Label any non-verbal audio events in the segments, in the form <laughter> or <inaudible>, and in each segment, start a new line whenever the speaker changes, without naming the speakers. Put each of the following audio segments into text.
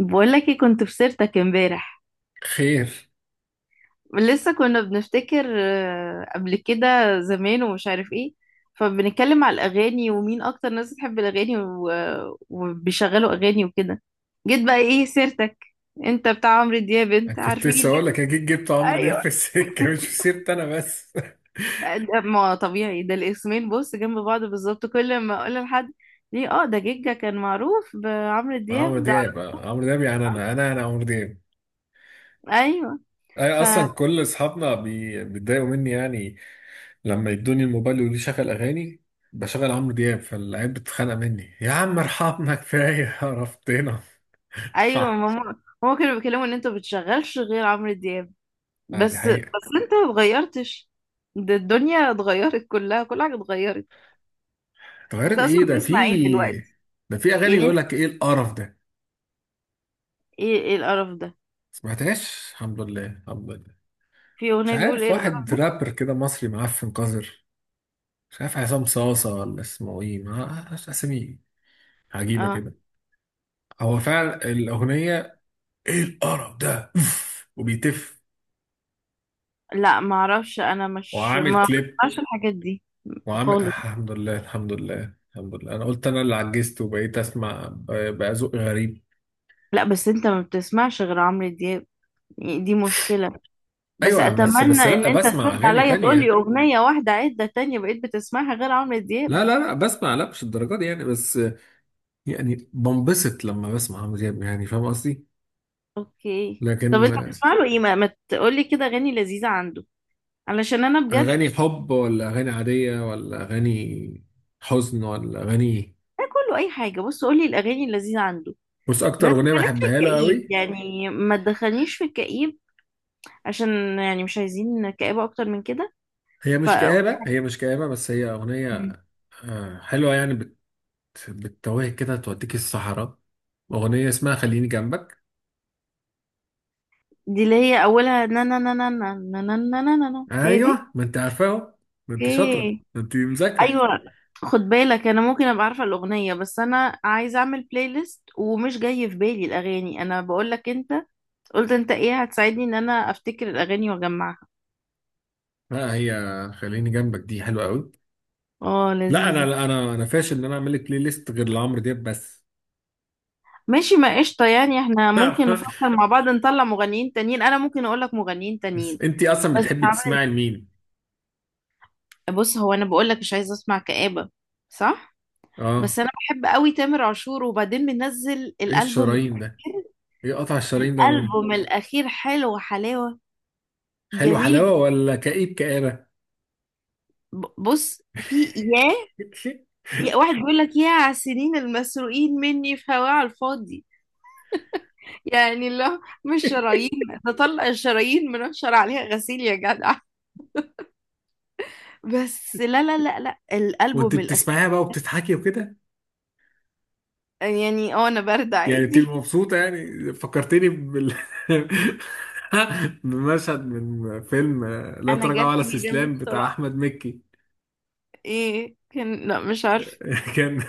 بقول لك إيه، كنت في سيرتك امبارح.
خير.
لسه كنا بنفتكر قبل كده زمان ومش عارف ايه. فبنتكلم على الاغاني ومين اكتر ناس بتحب الاغاني وبيشغلوا اغاني وكده. جيت بقى ايه سيرتك؟ انت بتاع عمرو دياب،
أنا
انت
كنت
عارفينك.
لسه اقول لك اكيد جبت عمرو دياب
ايوه.
في السكه <laughs> مش في سيرتي انا بس.
ما طبيعي ده، الاسمين بص جنب بعض بالظبط كل ما اقول لحد ليه، ده جيجا كان معروف بعمرو
<laughs>
دياب
عمرو
ده.
دياب عمرو دياب يعني انا عمرو دياب.
ايوه،
انا
فا
اصلا كل اصحابنا بيتضايقوا مني يعني، لما يدوني الموبايل يقولوا لي شغل اغاني، بشغل عمرو دياب فالعيال بتتخانق مني، يا عم ارحمنا كفايه عرفتنا. <laughs>
ايوه. ماما، هما كانوا بيتكلموا ان انتوا بتشغلش غير عمرو دياب.
آه دي
بس، بس،
حقيقه.
انت ما اتغيرتش. ده الدنيا اتغيرت كلها، كل حاجة اتغيرت.
اتغيرت
انت اصلا
ايه؟ ده في
بتسمع ايه دلوقتي؟
ده في اغاني
يعني.
بيقول لك ايه القرف ده؟
ايه، ايه القرف ده؟
سمعتهاش الحمد لله الحمد لله.
في
مش
اغنية بيقول
عارف،
ايه
واحد
القرف؟
رابر كده مصري معفن قذر، مش عارف عصام صاصة ولا اسمه ايه، ما أعرفش اسامي عجيبة
اه
كده. هو فعلا الأغنية ايه القرف ده أوف! وبيتف
لا، ما اعرفش، انا مش
وعامل
ما
كليب
بسمعش الحاجات دي
وعامل،
خالص.
الحمد لله الحمد لله الحمد لله. أنا قلت أنا اللي عجزت وبقيت أسمع، بقى ذوق غريب.
لا بس انت ما بتسمعش غير عمرو دياب، يعني دي مشكلة. بس
أيوة بس
اتمنى
بس
ان
لأ
انت
بسمع
ترد
أغاني
عليا تقول لي
تانية.
اغنية واحدة عدة تانية بقيت بتسمعها غير عمرو دياب.
لا بسمع، لا مش الدرجات دي يعني بس، يعني بنبسط لما بسمع عمرو دياب، يعني فاهم قصدي؟
اوكي. طب
لكن
انت بتسمع له ايه، ما تقول لي كده اغاني لذيذة عنده، علشان انا بجد.
أغاني حب ولا أغاني عادية ولا أغاني حزن ولا أغاني إيه؟
ده كله اي حاجه، بص قولي الاغاني اللذيذه عنده.
بص، اكتر
بس بلاش
اغنيه
في
بحبها له
الكئيب،
قوي،
يعني ما تدخلنيش في الكئيب، عشان يعني مش عايزين كئيبه اكتر من كده.
هي
ف
مش كآبة، هي مش كآبة بس هي اغنيه حلوه يعني، بتتوهك كده توديك الصحراء، اغنيه اسمها خليني جنبك.
دي اللي هي اولها نا نا نا نا نا نا نا نا نا نا نا. هي دي.
ايوه ما انت عارفاها أهو. ما انت شاطره
اوكي.
ما انت مذاكره.
ايوه. خد بالك انا ممكن ابقى عارفه الاغنيه، بس انا عايزه اعمل بلاي ليست ومش جاي في بالي الاغاني. انا بقول لك انت قلت انت ايه، هتساعدني ان انا افتكر الاغاني واجمعها.
لا هي خليني جنبك دي حلوه قوي.
اه
لا انا،
لذيذه.
لا انا فاشل ان انا اعمل لك بلاي ليست غير لعمرو دياب بس.
ماشي، ما قشطة، يعني احنا ممكن
<laughs>
نفكر مع بعض نطلع مغنيين تانيين، انا ممكن اقول لك مغنيين تانيين.
بس انت اصلا
بس
بتحبي
عمرو-
تسمعي لمين؟
بص هو، انا بقول لك مش عايزة اسمع كآبة. صح. بس
اه،
انا بحب قوي تامر عاشور، وبعدين منزل
ايه
الالبوم.
الشرايين ده؟ ايه قطع الشرايين ده يا ماما؟
الالبوم الاخير حلو حلاوة.
حلو
جميل.
حلاوه ولا كئيب كآبة؟
بص في ياه،
<laughs>
يا واحد بيقول لك يا على السنين المسروقين مني في هواه على الفاضي. يعني لا مش شرايين. نطلع الشرايين منشر عليها غسيل يا جدع. بس لا، لا، لا، لا،
وانت
الالبوم.
بتسمعيها بقى وبتضحكي وكده؟
يعني انا برد
يعني بتبقي
عادي.
مبسوطة؟ يعني فكرتني بال <laughs> بمشهد من فيلم لا
انا
تراجع ولا
جرحي بيلم
استسلام بتاع
بسرعه.
احمد مكي.
ايه كان؟ لا مش عارفه.
<laughs> كان،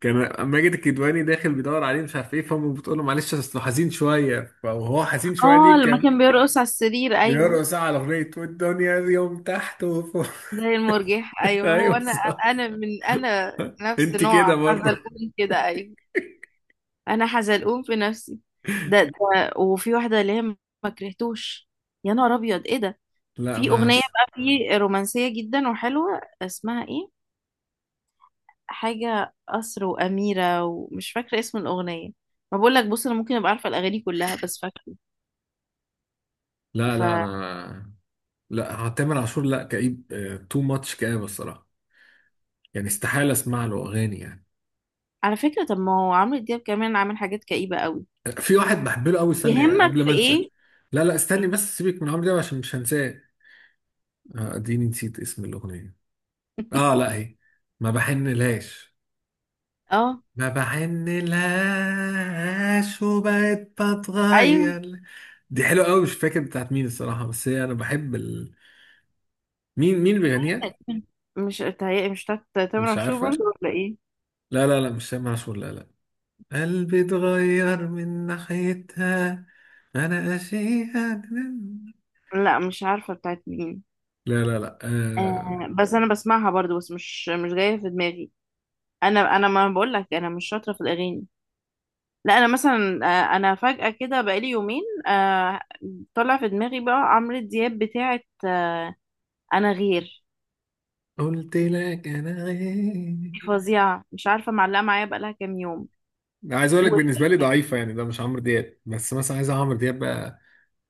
كان ماجد الكدواني داخل بيدور عليه مش عارف ايه، فامه بتقول له معلش اصله حزين شويه، فهو حزين شويه دي،
اه لما
كان
كان بيرقص على السرير، ايوه.
بيرقص على اغنيه، والدنيا يوم تحت وفوق.
زي المرجح،
<laughs>
ايوه، هو
ايوه
انا.
صح.
انا من انا نفس
انت
نوع
كده برضه.
حزلقوم كده، ايوه. انا حزلقوم في نفسي. ده وفي واحده اللي هي ما كرهتوش، يا نهار ابيض، ايه ده؟
لا
في اغنيه
بس.
بقى في رومانسيه جدا وحلوه، اسمها ايه؟ حاجه قصر واميره ومش فاكره اسم الاغنيه. ما بقول لك بص، انا ممكن ابقى عارفه الاغاني كلها بس فاكره.
لا لا،
فعلى
انا لا تامر عاشور، لا كئيب، تو ماتش كئيب الصراحه، يعني استحالة اسمع له اغاني يعني.
فكرة، طب ما هو عمرو دياب كمان عامل حاجات كئيبة قوي.
في واحد بحب له قوي، استني
يهمك
قبل
في
ما انسى.
ايه؟
لا لا استني بس، سيبك من عمرو دياب عشان مش هنساه. آه، اديني نسيت اسم الاغنية. اه لا هي ما بحنلهاش،
اه
ما بحنلهاش وبقيت
ايوه.
بتغير. دي حلوة قوي، مش فاكر بتاعت مين الصراحة بس هي انا بحب ال... مين اللي بيغنيها؟
مش بتهيألي مش بتاعت تامر
مش
عاشور برضه،
عارفة.
ولا ايه؟
لا مش سامع عاشور، لا لا. قلبي اتغير من ناحيتها، انا اشيها.
لا مش عارفة بتاعت مين.
لا آه...
آه، بس انا بسمعها برضه، بس مش جاية في دماغي. انا ما بقول لك، انا مش شاطرة في الاغاني. لا انا مثلا، انا فجأة كده بقالي يومين، آه، طلع في دماغي بقى عمرو دياب بتاعت، انا غير.
قلت لك انا غير.
دي فظيعة، مش عارفة معلقة معايا بقالها كام يوم.
عايز اقول لك بالنسبه لي ضعيفه يعني، ده مش عمرو دياب بس، مثلا، عايز عمرو دياب بقى؟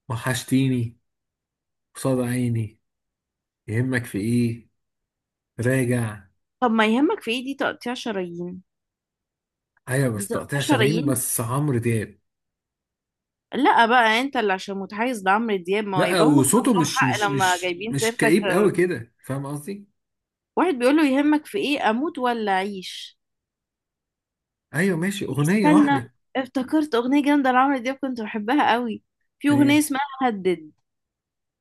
وحشتيني، قصاد عيني، يهمك في ايه، راجع.
طب ما يهمك في ايه، دي تقطيع شرايين.
ايوه
دي
بس
تقطيع
تقطيع شرايين
شرايين.
بس عمرو دياب.
لا بقى، انت اللي عشان متحيز لعمرو دياب، ما هو
لا
يبقى هم كان
وصوته
عندهم
مش مش
حق لما
مش
جايبين
مش
سيرتك.
كئيب قوي كده، فاهم قصدي؟
واحد بيقول له يهمك في ايه، اموت ولا اعيش.
ايوه ماشي، اغنيه
استنى،
واحده.
افتكرت اغنيه جامده لعمرو دياب كنت بحبها قوي. في اغنيه
ايه؟
اسمها هدد.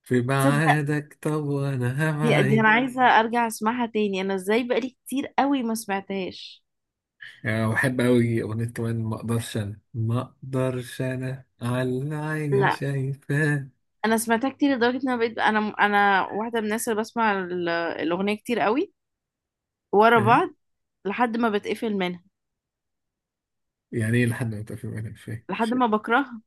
في
تصدق؟
بعادك طب وانا
دي انا
هبعد.
عايزه ارجع اسمعها تاني، انا ازاي بقالي كتير قوي ما سمعتهاش.
يعني أنا بحب أوي أغنية كمان، ما أقدرش، أنا ما أقدرش، أنا على عيني
لا،
شايفاه.
انا سمعتها كتير لدرجه ان انا بقيت انا واحده من الناس اللي بسمع الاغنيه كتير قوي ورا
إيه؟
بعض، لحد ما بتقفل منها،
يعني إيه لحد ما تقفل منها، مش فاهم.
لحد ما بكرهها،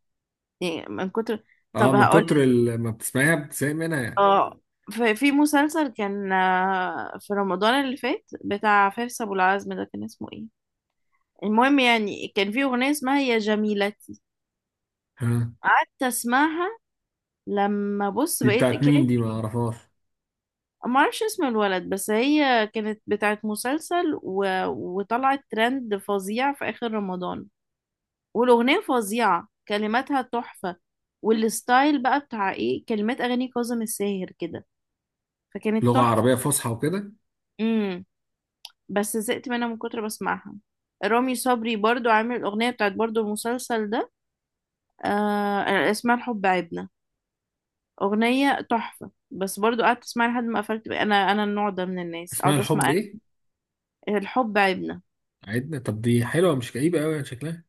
يعني من كتر.
أه،
طب
من
هقول.
كتر ما بتسمعيها بتسايق منها يعني؟
اه، في مسلسل كان، في رمضان اللي فات بتاع فارس ابو العزم ده كان اسمه ايه؟ المهم يعني كان في اغنيه اسمها يا جميلتي.
ها،
قعدت اسمعها، لما بص
دي
بقيت
بتاعت مين؟
كانت.
دي ما أعرفهاش.
ما اعرفش اسم الولد، بس هي كانت بتاعت مسلسل، وطلعت ترند فظيع في اخر رمضان. والأغنية فظيعة، كلماتها تحفة. والستايل بقى بتاع ايه، كلمات أغاني كاظم الساهر كده، فكانت
لغة
تحفة.
عربية فصحى وكده؟
امم. بس زهقت منها من كتر بسمعها. رامي صبري برضو عامل الأغنية بتاعت برضو المسلسل ده. آه، اسمها الحب عيبنا. أغنية تحفة، بس برضو قعدت اسمعها لحد ما قفلت بقى. أنا النوع ده من الناس،
اسمها
أقعد
الحب
أسمع.
إيه؟
الحب عيبنا.
عيدنا؟ طب دي حلوة، مش كئيبة أوي يعني شكلها،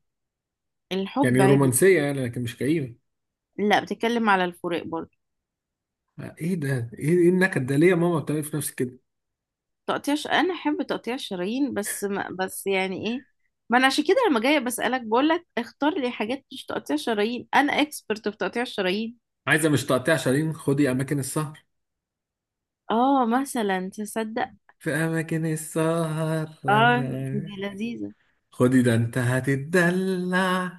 الحب
يعني
عيبنا.
رومانسية يعني لكن مش كئيبة.
لا، بتتكلم على الفراق برضو.
آه، إيه ده؟ إيه النكد ده ليه يا ماما؟ بتعملي في نفسك كده؟
انا احب تقطيع الشرايين، بس ما... بس يعني ايه. ما انا عشان كده لما جايه بسالك بقول لك اختار لي حاجات مش تقطيع شرايين، انا اكسبرت في تقطيع الشرايين.
عايزة مش تقطيع شرايين، خدي أماكن السهر.
اه مثلا، تصدق؟
في أماكن السهر.
اه دي
<laughs>
لذيذه.
خدي ده انت هتتدلع،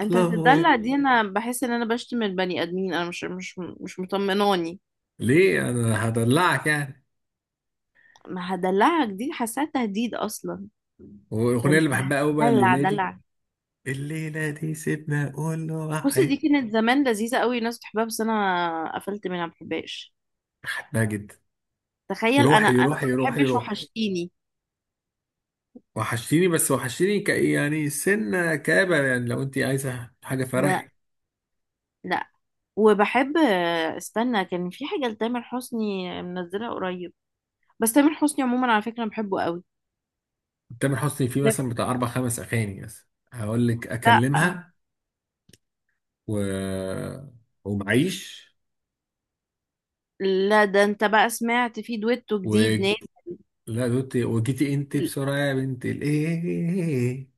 انت هتدلع؟
وات.
دي انا بحس ان انا بشتم البني ادمين، انا مش مطمناني.
ليه؟ انا هدلعك يعني.
ما هدلعك دي حاساها تهديد اصلا. ده
والاغنيه
انت
اللي بحبها قوي بقى،
هتدلع
الليله دي.
دلع.
الليله دي، سيبنا اقول له
بصي، دي
واحد.
كانت زمان لذيذه قوي، ناس بتحبها بس انا قفلت منها، ما بحبهاش.
بحبها جدا.
تخيل، انا
روحي
انا ما
روحي روحي
بحبش
روحي
وحشتيني.
وحشتيني. بس وحشتيني ك يعني سنه كابه يعني، لو انت عايزه حاجه
انا.
فرح.
لا. وبحب. استنى، كان في حاجة لتامر حسني منزلها قريب. بس تامر حسني عموما، على فكرة، أنا بحبه قوي.
تامر حسني فيه مثلا
ده-
بتاع 4 5 اغاني مثلا، هقول لك
لا،
اكلمها و ومعيش
لا، ده انت بقى سمعت في دويتو
و.
جديد نازل؟
لا دوتي وجيتي انت بسرعه يا بنت الايه.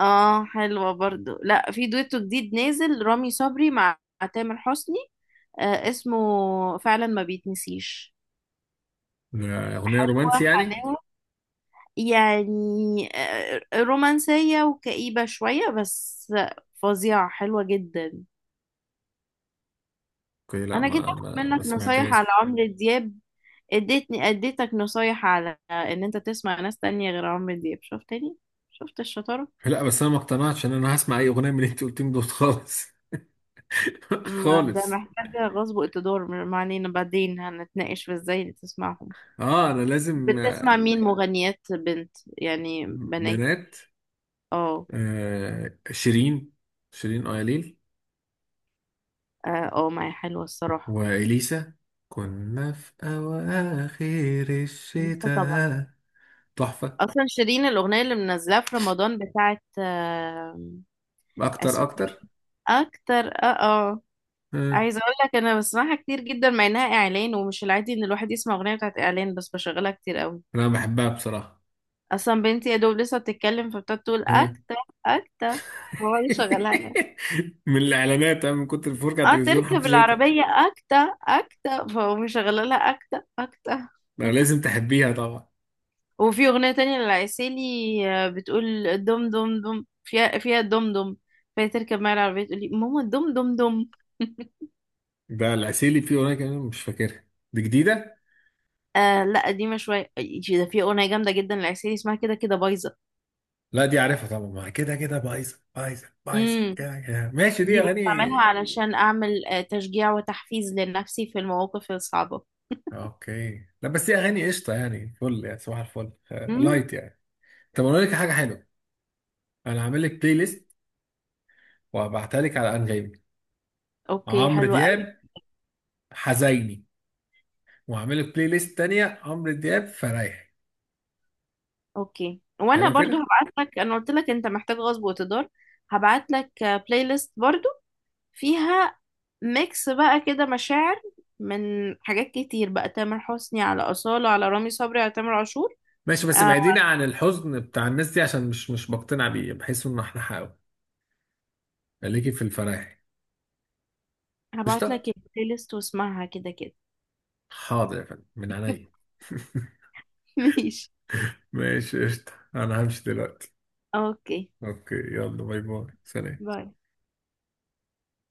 اه حلوة برضو. لا في دويتو جديد نازل رامي صبري مع تامر حسني. آه اسمه. فعلا ما بيتنسيش.
أغنية
حلوة
رومانسي يعني؟
حلاوة. يعني، رومانسية وكئيبة شوية بس. فظيعة، حلوة جدا.
أوكي لا
انا جيت
ما
اخد
ما, ما
منك نصايح على
سمعتهاش.
عمرو دياب، اديتني. اديتك نصايح على ان انت تسمع ناس تانية غير عمرو دياب، شفت تاني؟ شفت الشطارة؟
لا بس أنا ما اقتنعتش إن أنا هسمع أي أغنية من اللي أنت قلتهم دول خالص. <laughs>
ما ده
خالص.
محتاجة غصب وقتدار، ما علينا بعدين هنتناقش في ازاي تسمعهم.
أه أنا لازم آه،
بتسمع مين مغنيات بنت، يعني بنات؟
بنات.
اه،
آه شيرين، شيرين أياليل.
اه، آه، ما هي حلوة الصراحة.
وإليسا، كنا في أواخر
لسه طبعا.
الشتاء، تحفة.
اصلا شيرين الاغنية اللي منزلها في رمضان بتاعت،
أكتر
اسمها
أكتر.
إيه؟ اكتر.
آه.
عايزه اقول لك انا بسمعها كتير جدا مع انها اعلان، ومش العادي ان الواحد يسمع اغنيه بتاعت اعلان، بس بشغلها كتير قوي.
أنا بحبها بصراحة.
اصلا بنتي يا دوب لسه بتتكلم، فبتقعد تقول
آه.
اكتا، اكتا، فهو اللي شغلها لها.
<laughs> من الإعلانات، أنا من كتر الفرجة على
اه
التلفزيون
تركب
حفظتها.
العربيه اكتا، اكتا، فهو مشغلها لها اكتا اكتا.
لا، لازم
<laughs>
تحبيها طبعا.
وفي اغنيه تانية للعسيلي، آه، بتقول دم دم دم فيها فيها دم دم. فهي تركب معايا العربيه تقول لي ماما دم دم دم. <laughs>
ده العسيلي فيه اغنيه كمان مش فاكرها، دي جديده.
آه لا، قديمه شويه. ده في اغنيه جامده جدا للعسيلي اسمها كده كده بايظه.
لا دي عارفها طبعا. ما كده كده بايظه، بايظه بايظه
امم.
كده كده، ماشي، دي
دي
اغاني.
بستعملها علشان أعمل تشجيع وتحفيز لنفسي في المواقف الصعبة.
اوكي، لا بس دي اغاني قشطه يعني فل، يعني صباح الفل آه،
مم.
لايت يعني. طب اقول لك حاجه حلوه، انا هعمل لك بلاي ليست وهبعتها لك على انغامي،
أوكي
عمرو
حلوة قوي.
دياب حزيني، وهعمل لك بلاي ليست تانيه عمرو دياب فرايحي.
أوكي، وأنا
حلو
برضو
كده.
هبعت لك، أنا قلت لك أنت محتاج غصب وتدار. هبعت لك بلاي ليست برضو، فيها ميكس بقى كده مشاعر من حاجات كتير بقى، تامر حسني على أصالة على رامي صبري على تامر عاشور.
ماشي بس
آه،
بعيدين عن الحزن بتاع الناس دي، عشان مش بقتنع بيه، بحس ان احنا حقه. خليكي في الفرايحي.
هبعت
قشطه.
لك البلاي ليست واسمعها كده كده.
حاضر يا فندم من عينيا. <laughs>
<laughs> ماشي.
ماشي قشطة، أنا همشي دلوقتي.
أوكي،
أوكي. يلا باي باي، سلام.
باي.